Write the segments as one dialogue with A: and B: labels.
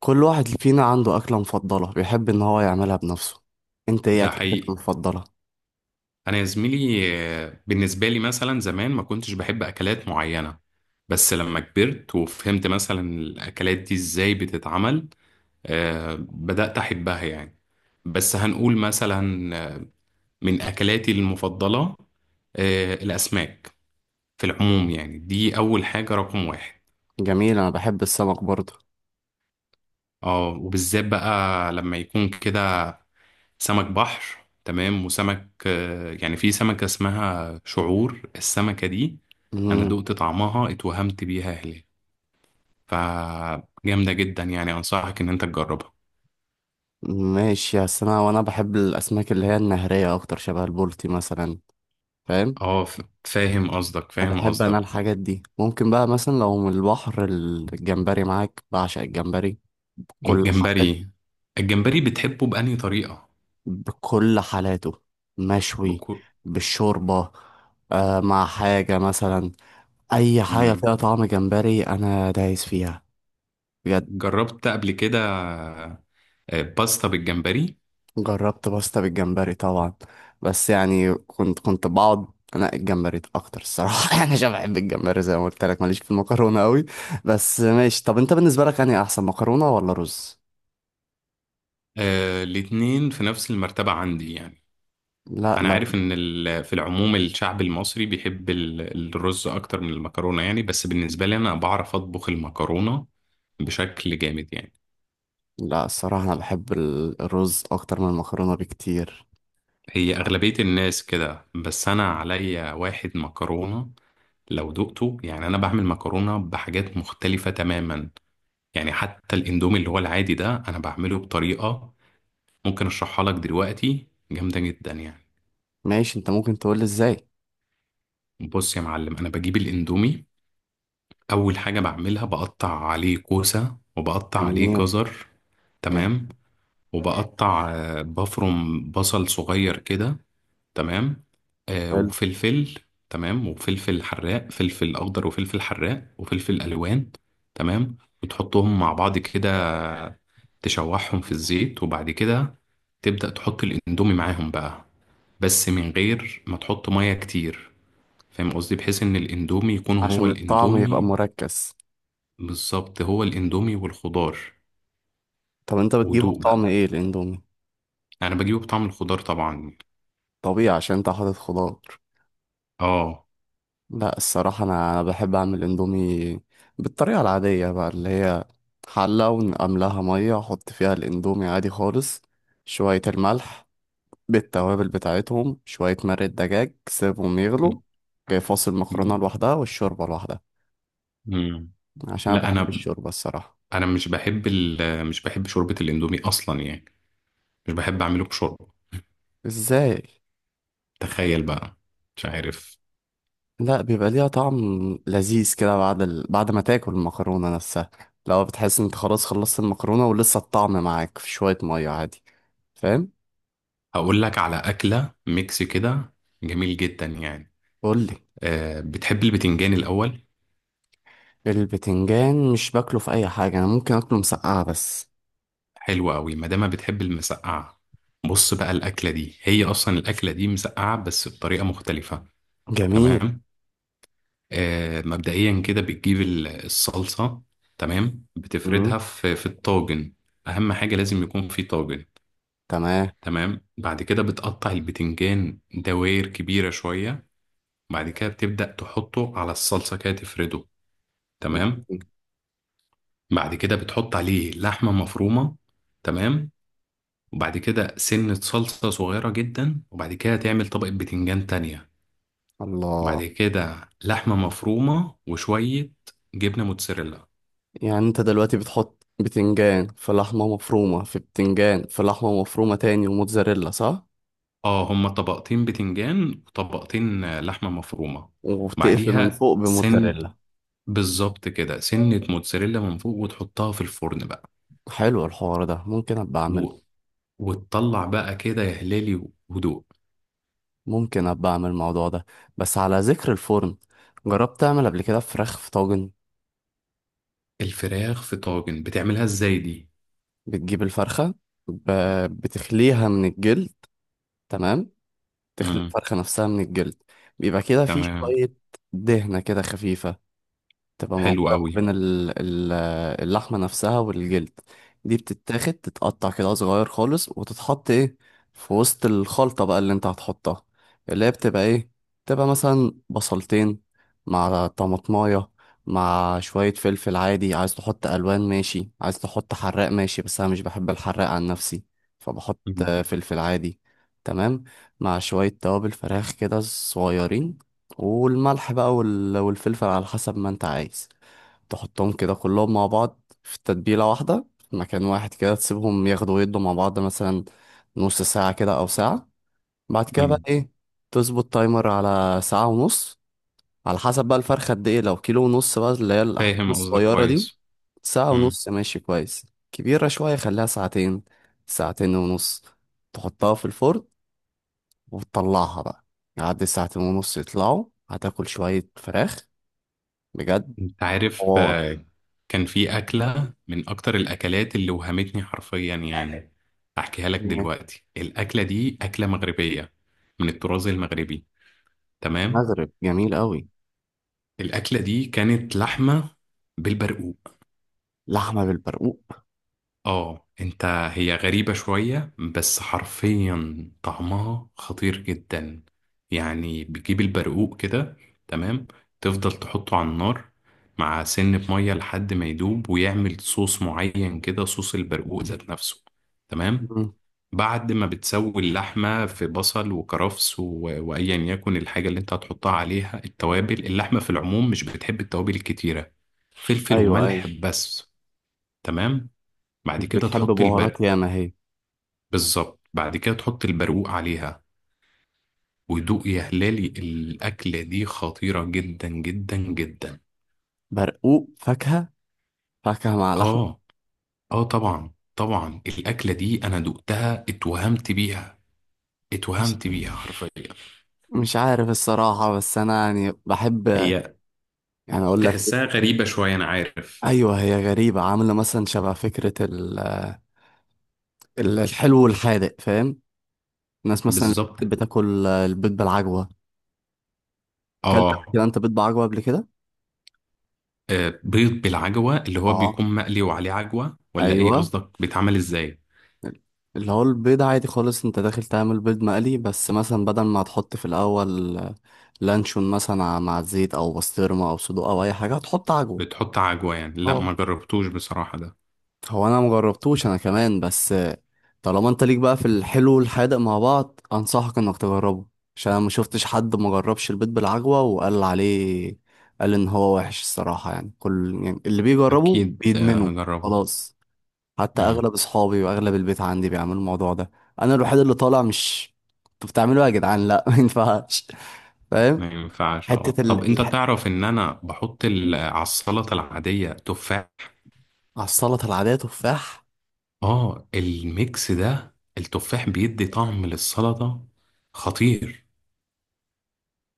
A: كل واحد فينا عنده أكلة مفضلة بيحب إن هو يعملها بنفسه. أنت إيه
B: ده
A: أكلتك
B: حقيقي.
A: المفضلة؟
B: انا يا زميلي، بالنسبه لي مثلا زمان ما كنتش بحب اكلات معينه. بس لما كبرت وفهمت مثلا الاكلات دي ازاي بتتعمل بدات احبها يعني. بس هنقول مثلا من اكلاتي المفضله الاسماك في العموم، يعني دي اول حاجه رقم واحد.
A: جميل، أنا بحب السمك برضه.
B: اه، وبالذات بقى لما يكون كده سمك بحر، تمام، وسمك، يعني في سمكة اسمها شعور، السمكة دي أنا
A: مم.
B: دقت طعمها اتوهمت بيها هلال، فجامدة جدا يعني. أنصحك إن أنت تجربها.
A: ماشي يا، أنا بحب الأسماك اللي هي النهرية أكتر، شبه البولتي مثلا. فاهم؟
B: اه، فاهم قصدك،
A: أنا
B: فاهم
A: بحب أنا
B: قصدك.
A: الحاجات دي، ممكن بقى مثلا لو من البحر الجمبري معاك، بعشق الجمبري. بكل حالات
B: الجمبري. الجمبري بتحبه بأنهي طريقة؟
A: بكل حالاته، مشوي،
B: بكو...
A: بالشوربة، آه مع حاجة مثلا. أي حاجة فيها
B: مم.
A: طعم جمبري أنا دايس فيها بجد.
B: جربت قبل كده باستا بالجمبري.
A: جربت باستا بالجمبري طبعا، بس يعني كنت بقعد انقي الجمبري اكتر الصراحه يعني، عشان بحب الجمبري زي ما قلت لك، ماليش في المكرونه قوي. بس ماشي. طب انت، بالنسبه لك، انهي احسن، مكرونه ولا رز؟
B: الاتنين في نفس المرتبة عندي يعني.
A: لا
B: انا
A: لا.
B: عارف ان في العموم الشعب المصري بيحب الرز اكتر من المكرونه يعني، بس بالنسبه لي انا بعرف اطبخ المكرونه بشكل جامد يعني.
A: لا الصراحه انا بحب الرز اكتر من المكرونه بكتير.
B: هي اغلبيه الناس كده، بس انا عليا واحد مكرونه لو دقته يعني. انا بعمل مكرونه بحاجات مختلفه تماما، يعني حتى الاندومي اللي هو العادي ده انا بعمله بطريقه ممكن اشرحها لك دلوقتي، جامده جدا يعني.
A: ماشي، انت ممكن تقول لي ازاي.
B: بص يا معلم، انا بجيب الاندومي، اول حاجه بعملها بقطع عليه كوسه وبقطع عليه
A: جميل.
B: جزر. تمام
A: جميل.
B: تمام. وبقطع آه، بفرم بصل صغير كده. تمام.
A: حلو.
B: وفلفل. تمام، وفلفل حراق، فلفل اخضر وفلفل حراق وفلفل الوان. تمام. وتحطهم مع بعض كده، تشوحهم في الزيت، وبعد كده تبدأ تحط الاندومي معاهم بقى، بس من غير ما تحط ميه كتير. فاهم قصدي؟ بحيث ان الاندومي يكون هو
A: عشان الطعم يبقى
B: الاندومي
A: مركز.
B: بالظبط، هو الاندومي والخضار،
A: طب انت بتجيبه
B: ودوق
A: بطعم
B: بقى.
A: ايه الاندومي؟
B: انا بجيبه بطعم الخضار طبعا.
A: طبيعي عشان انت حاطط خضار.
B: اه.
A: لا الصراحة، أنا بحب أعمل إندومي بالطريقة العادية بقى، اللي هي حلة ونقملها مية، أحط فيها الإندومي عادي خالص، شوية الملح، بالتوابل بتاعتهم، شوية مرق دجاج، سيبهم يغلوا.
B: م-
A: جاي فاصل، المكرونة
B: م-
A: لوحدها والشوربة لوحدها.
B: م.
A: عشان أنا
B: لا،
A: بحب
B: انا
A: الشوربة الصراحة.
B: انا مش بحب مش بحب شوربة الاندومي اصلا يعني. مش بحب اعمله بشوربة.
A: إزاي؟
B: تخيل بقى، مش عارف.
A: لا، بيبقى ليها طعم لذيذ كده بعد بعد ما تاكل المكرونة نفسها. لو بتحس إن أنت خلاص خلصت المكرونة ولسه الطعم معاك في شوية مية، عادي. فاهم؟
B: هقول لك على اكلة ميكس كده، جميل جدا يعني.
A: قولي.
B: أه، بتحب البتنجان الاول؟
A: البتنجان مش باكله في اي حاجه، انا ممكن اكله مسقعه بس.
B: حلو قوي ما دام بتحب المسقعة. بص بقى، الاكلة دي هي اصلا الاكلة دي مسقعة بس بطريقة مختلفة.
A: جميل.
B: تمام. مبدئيا كده بتجيب الصلصة، تمام،
A: امم
B: بتفردها في الطاجن. أهم حاجة لازم يكون في طاجن.
A: تمام.
B: تمام. بعد كده بتقطع البتنجان دوائر كبيرة شوية، بعد كده بتبدأ تحطه على الصلصة كده تفرده. تمام.
A: جميل.
B: بعد كده بتحط عليه لحمة مفرومة، تمام، وبعد كده سنة صلصة صغيرة جدا، وبعد كده تعمل طبقة بتنجان تانية،
A: الله.
B: بعد كده لحمة مفرومة، وشوية جبنة موتزاريلا.
A: يعني انت دلوقتي بتحط بتنجان في لحمه مفرومه في بتنجان في لحمه مفرومه تاني وموتزاريلا، صح؟
B: اه، هما طبقتين بتنجان وطبقتين لحمة مفرومة.
A: وبتقفل من
B: بعديها
A: فوق
B: سن
A: بموتزاريلا.
B: بالظبط كده، سنة موتزاريلا من فوق وتحطها في الفرن بقى.
A: حلو، الحوار ده ممكن ابقى اعمل.
B: و... وتطلع بقى كده يا هلالي، هدوء.
A: ممكن ابقى اعمل الموضوع ده. بس على ذكر الفرن، جربت تعمل قبل كده فراخ في طاجن؟
B: الفراخ في طاجن بتعملها ازاي دي؟
A: بتجيب الفرخه، ب... بتخليها من الجلد. تمام، تخلي
B: امم.
A: الفرخة نفسها من الجلد. بيبقى كده فيه
B: تمام.
A: شوية دهنة كده خفيفة تبقى
B: حلو
A: موجودة
B: قوي.
A: بين اللحمة نفسها والجلد. دي بتتاخد، تتقطع كده صغير خالص، وتتحط ايه في وسط الخلطة بقى اللي انت هتحطها، اللي هي بتبقى ايه؟ بتبقى مثلا بصلتين مع طماطماية، مع شوية فلفل عادي. عايز تحط ألوان، ماشي. عايز تحط حراق، ماشي. بس أنا مش بحب الحراق عن نفسي، فبحط
B: مم.
A: فلفل عادي. تمام. مع شوية توابل فراخ كده صغيرين، والملح بقى والفلفل على حسب ما انت عايز. تحطهم كده كلهم مع بعض في تتبيلة واحدة، في مكان واحد كده، تسيبهم ياخدوا ويدوا مع بعض مثلا نص ساعة كده أو ساعة. بعد كده بقى
B: مم.
A: إيه؟ تظبط تايمر على ساعة ونص، على حسب بقى الفرخة قد إيه. لو كيلو ونص بقى، اللي هي الأحجام
B: فاهم قصدك
A: الصغيرة دي،
B: كويس.
A: ساعة
B: إمم.
A: ونص ماشي كويس. كبيرة شوية، خليها ساعتين، ساعتين ونص. تحطها في الفرن وتطلعها بقى. يعدي ساعتين ونص، يطلعوا، هتاكل شوية فراخ بجد.
B: انت عارف
A: حوار.
B: كان في أكلة من أكتر الأكلات اللي وهمتني حرفيا يعني. أحكيها لك
A: مم.
B: دلوقتي. الأكلة دي أكلة مغربية، من الطراز المغربي. تمام.
A: مغرب جميل قوي.
B: الأكلة دي كانت لحمة بالبرقوق.
A: لحمة بالبرقوق.
B: اه انت، هي غريبة شوية بس حرفيا طعمها خطير جدا. يعني بتجيب البرقوق كده، تمام، تفضل تحطه على النار مع سن مية لحد ما يدوب ويعمل صوص معين كده، صوص البرقوق ذات نفسه. تمام.
A: مم.
B: بعد ما بتسوي اللحمة في بصل وكرفس وأيا يكن الحاجة اللي انت هتحطها عليها. التوابل اللحمة في العموم مش بتحب التوابل الكتيرة، فلفل
A: ايوه ايوه.
B: وملح بس. تمام. بعد
A: مش
B: كده
A: بتحب
B: تحط
A: بهارات
B: البرق
A: ياما هي.
B: بالظبط، بعد كده تحط البرقوق عليها، ودوق يا هلالي. الأكلة دي خطيرة جدا جدا جدا.
A: برقوق فاكهة؟ فاكهة مع لحمة.
B: آه، آه، طبعا طبعا. الأكلة دي أنا دقتها اتوهمت بيها،
A: مش
B: اتوهمت بيها حرفيا.
A: مش عارف الصراحة، بس انا يعني بحب،
B: هي
A: يعني اقول لك،
B: تحسها غريبة شوية، أنا عارف.
A: ايوه هي غريبه، عامله مثلا شبه فكره الحلو والحادق، فاهم؟ الناس مثلا اللي
B: بالظبط.
A: بتحب تاكل البيض بالعجوه. اكلت قبل
B: آه.
A: كده انت بيض بعجوه قبل كده؟
B: بيض بالعجوة اللي هو
A: اه.
B: بيكون مقلي وعليه عجوة، ولا إيه
A: ايوه.
B: قصدك؟ بيتعمل إزاي؟
A: اللي هو البيض عادي خالص، انت داخل تعمل بيض مقلي، بس مثلا بدل ما هتحط في الاول لانشون مثلا مع الزيت، او بسطرمه، او صدوق، او اي حاجه، هتحط عجوه.
B: بتحط عجوة يعني؟ لا،
A: اه،
B: ما جربتوش بصراحة ده.
A: هو انا مجربتوش انا كمان بس. طالما انت ليك بقى في الحلو والحادق مع بعض، انصحك انك تجربه. عشان انا ما شفتش حد ما جربش البيت بالعجوة وقال عليه، قال ان هو وحش الصراحة. يعني كل، يعني اللي بيجربه
B: أكيد
A: بيدمنه.
B: هجربه.
A: خلاص. حتى
B: مم.
A: اغلب اصحابي واغلب البيت عندي بيعملوا الموضوع ده. انا الوحيد اللي طالع مش انتوا بتعملوا إيه يا جدعان؟ لا ما ينفعش. فاهم؟
B: ما ينفعش.
A: حتة
B: اه، طب
A: ال...
B: انت
A: الح...
B: تعرف ان انا بحط على السلطه العاديه تفاح.
A: على السلطة العادية تفاح؟
B: اه، الميكس ده، التفاح بيدي طعم للسلطه خطير.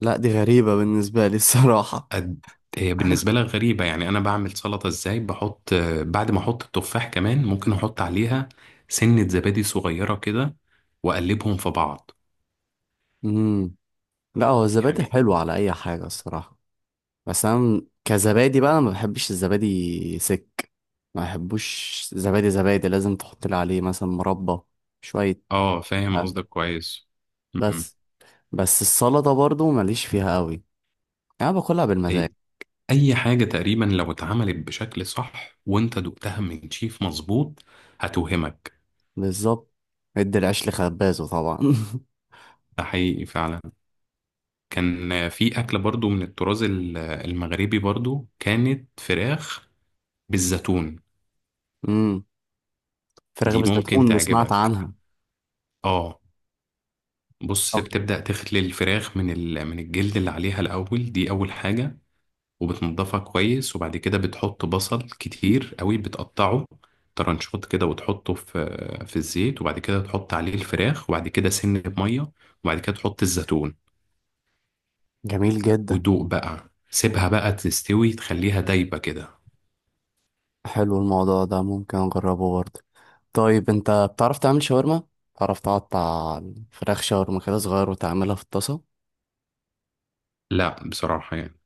A: لا دي غريبة بالنسبة لي الصراحة.
B: قد- هي بالنسبه لك غريبه يعني. انا بعمل سلطه ازاي؟ بحط بعد ما احط التفاح كمان ممكن احط عليها سنه زبادي صغيره كده، واقلبهم في بعض.
A: مم. لا هو الزبادي
B: يعني.
A: حلو على اي حاجه الصراحه، بس انا كزبادي بقى ما بحبش الزبادي سك. ما بحبوش. زبادي زبادي لازم تحط لي عليه مثلا مربى، شويه
B: اه، فاهم
A: فاكهة.
B: قصدك كويس. م-
A: بس بس السلطه برضو ماليش فيها قوي، انا باكلها
B: م.
A: بالمزاج.
B: اي حاجة تقريبا لو اتعملت بشكل صح، وانت دقتها من شيف مظبوط، هتوهمك.
A: بالظبط. ادي العيش لخبازه طبعا.
B: ده حقيقي فعلا. كان في اكلة برضو من الطراز المغربي برضو، كانت فراخ بالزيتون.
A: امم. فراخ
B: دي ممكن
A: بالزيتون اللي سمعت
B: تعجبك.
A: عنها.
B: اه، بص،
A: طب.
B: بتبدأ تخلي الفراخ من من الجلد اللي عليها الاول، دي اول حاجة. وبتنضفها كويس، وبعد كده بتحط بصل كتير قوي، بتقطعه ترنشات كده وتحطه في الزيت، وبعد كده تحط عليه الفراخ، وبعد كده سن بمية، وبعد كده تحط الزيتون
A: جميل جدا.
B: ودوق بقى. سيبها بقى تستوي، تخليها دايبة كده.
A: حلو الموضوع ده، ممكن اجربه برضه. طيب انت بتعرف تعمل شاورما؟ بتعرف تقطع الفراخ شاورما كده صغير وتعملها في الطاسه؟
B: لا بصراحة يعني.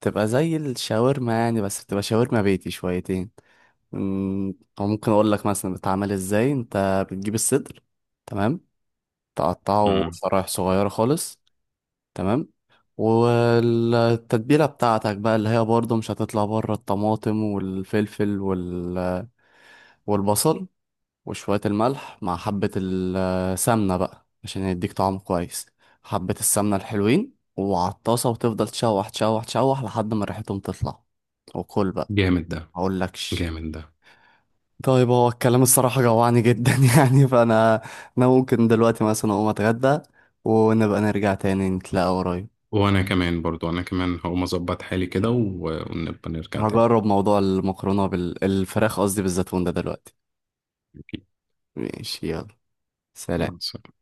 A: تبقى زي الشاورما، يعني بس بتبقى شاورما بيتي شويتين. أمم، او ممكن اقول لك مثلا بتعمل ازاي. انت بتجيب الصدر، تمام، تقطعه
B: مم.
A: شرايح صغيره خالص. تمام. والتتبيله بتاعتك بقى اللي هي برضه مش هتطلع بره، الطماطم والفلفل والبصل، وشوية الملح، مع حبة السمنة بقى عشان يديك طعم كويس. حبة السمنة الحلوين وعلى الطاسة، وتفضل تشوح تشوح تشوح لحد ما ريحتهم تطلع، وكل بقى.
B: جامد ده،
A: مقولكش.
B: جامد ده.
A: طيب هو الكلام الصراحة جوعني جدا يعني. فأنا، أنا ممكن دلوقتي مثلا أقوم أتغدى ونبقى نرجع تاني نتلاقى قريب.
B: وانا كمان برضو، انا كمان هقوم اظبط حالي كده ونبقى نرجع تاني.
A: هجرب موضوع المكرونة الفراخ قصدي بالزيتون ده دلوقتي.
B: أكيد.
A: ماشي يلا.
B: مع
A: سلام.
B: السلامة.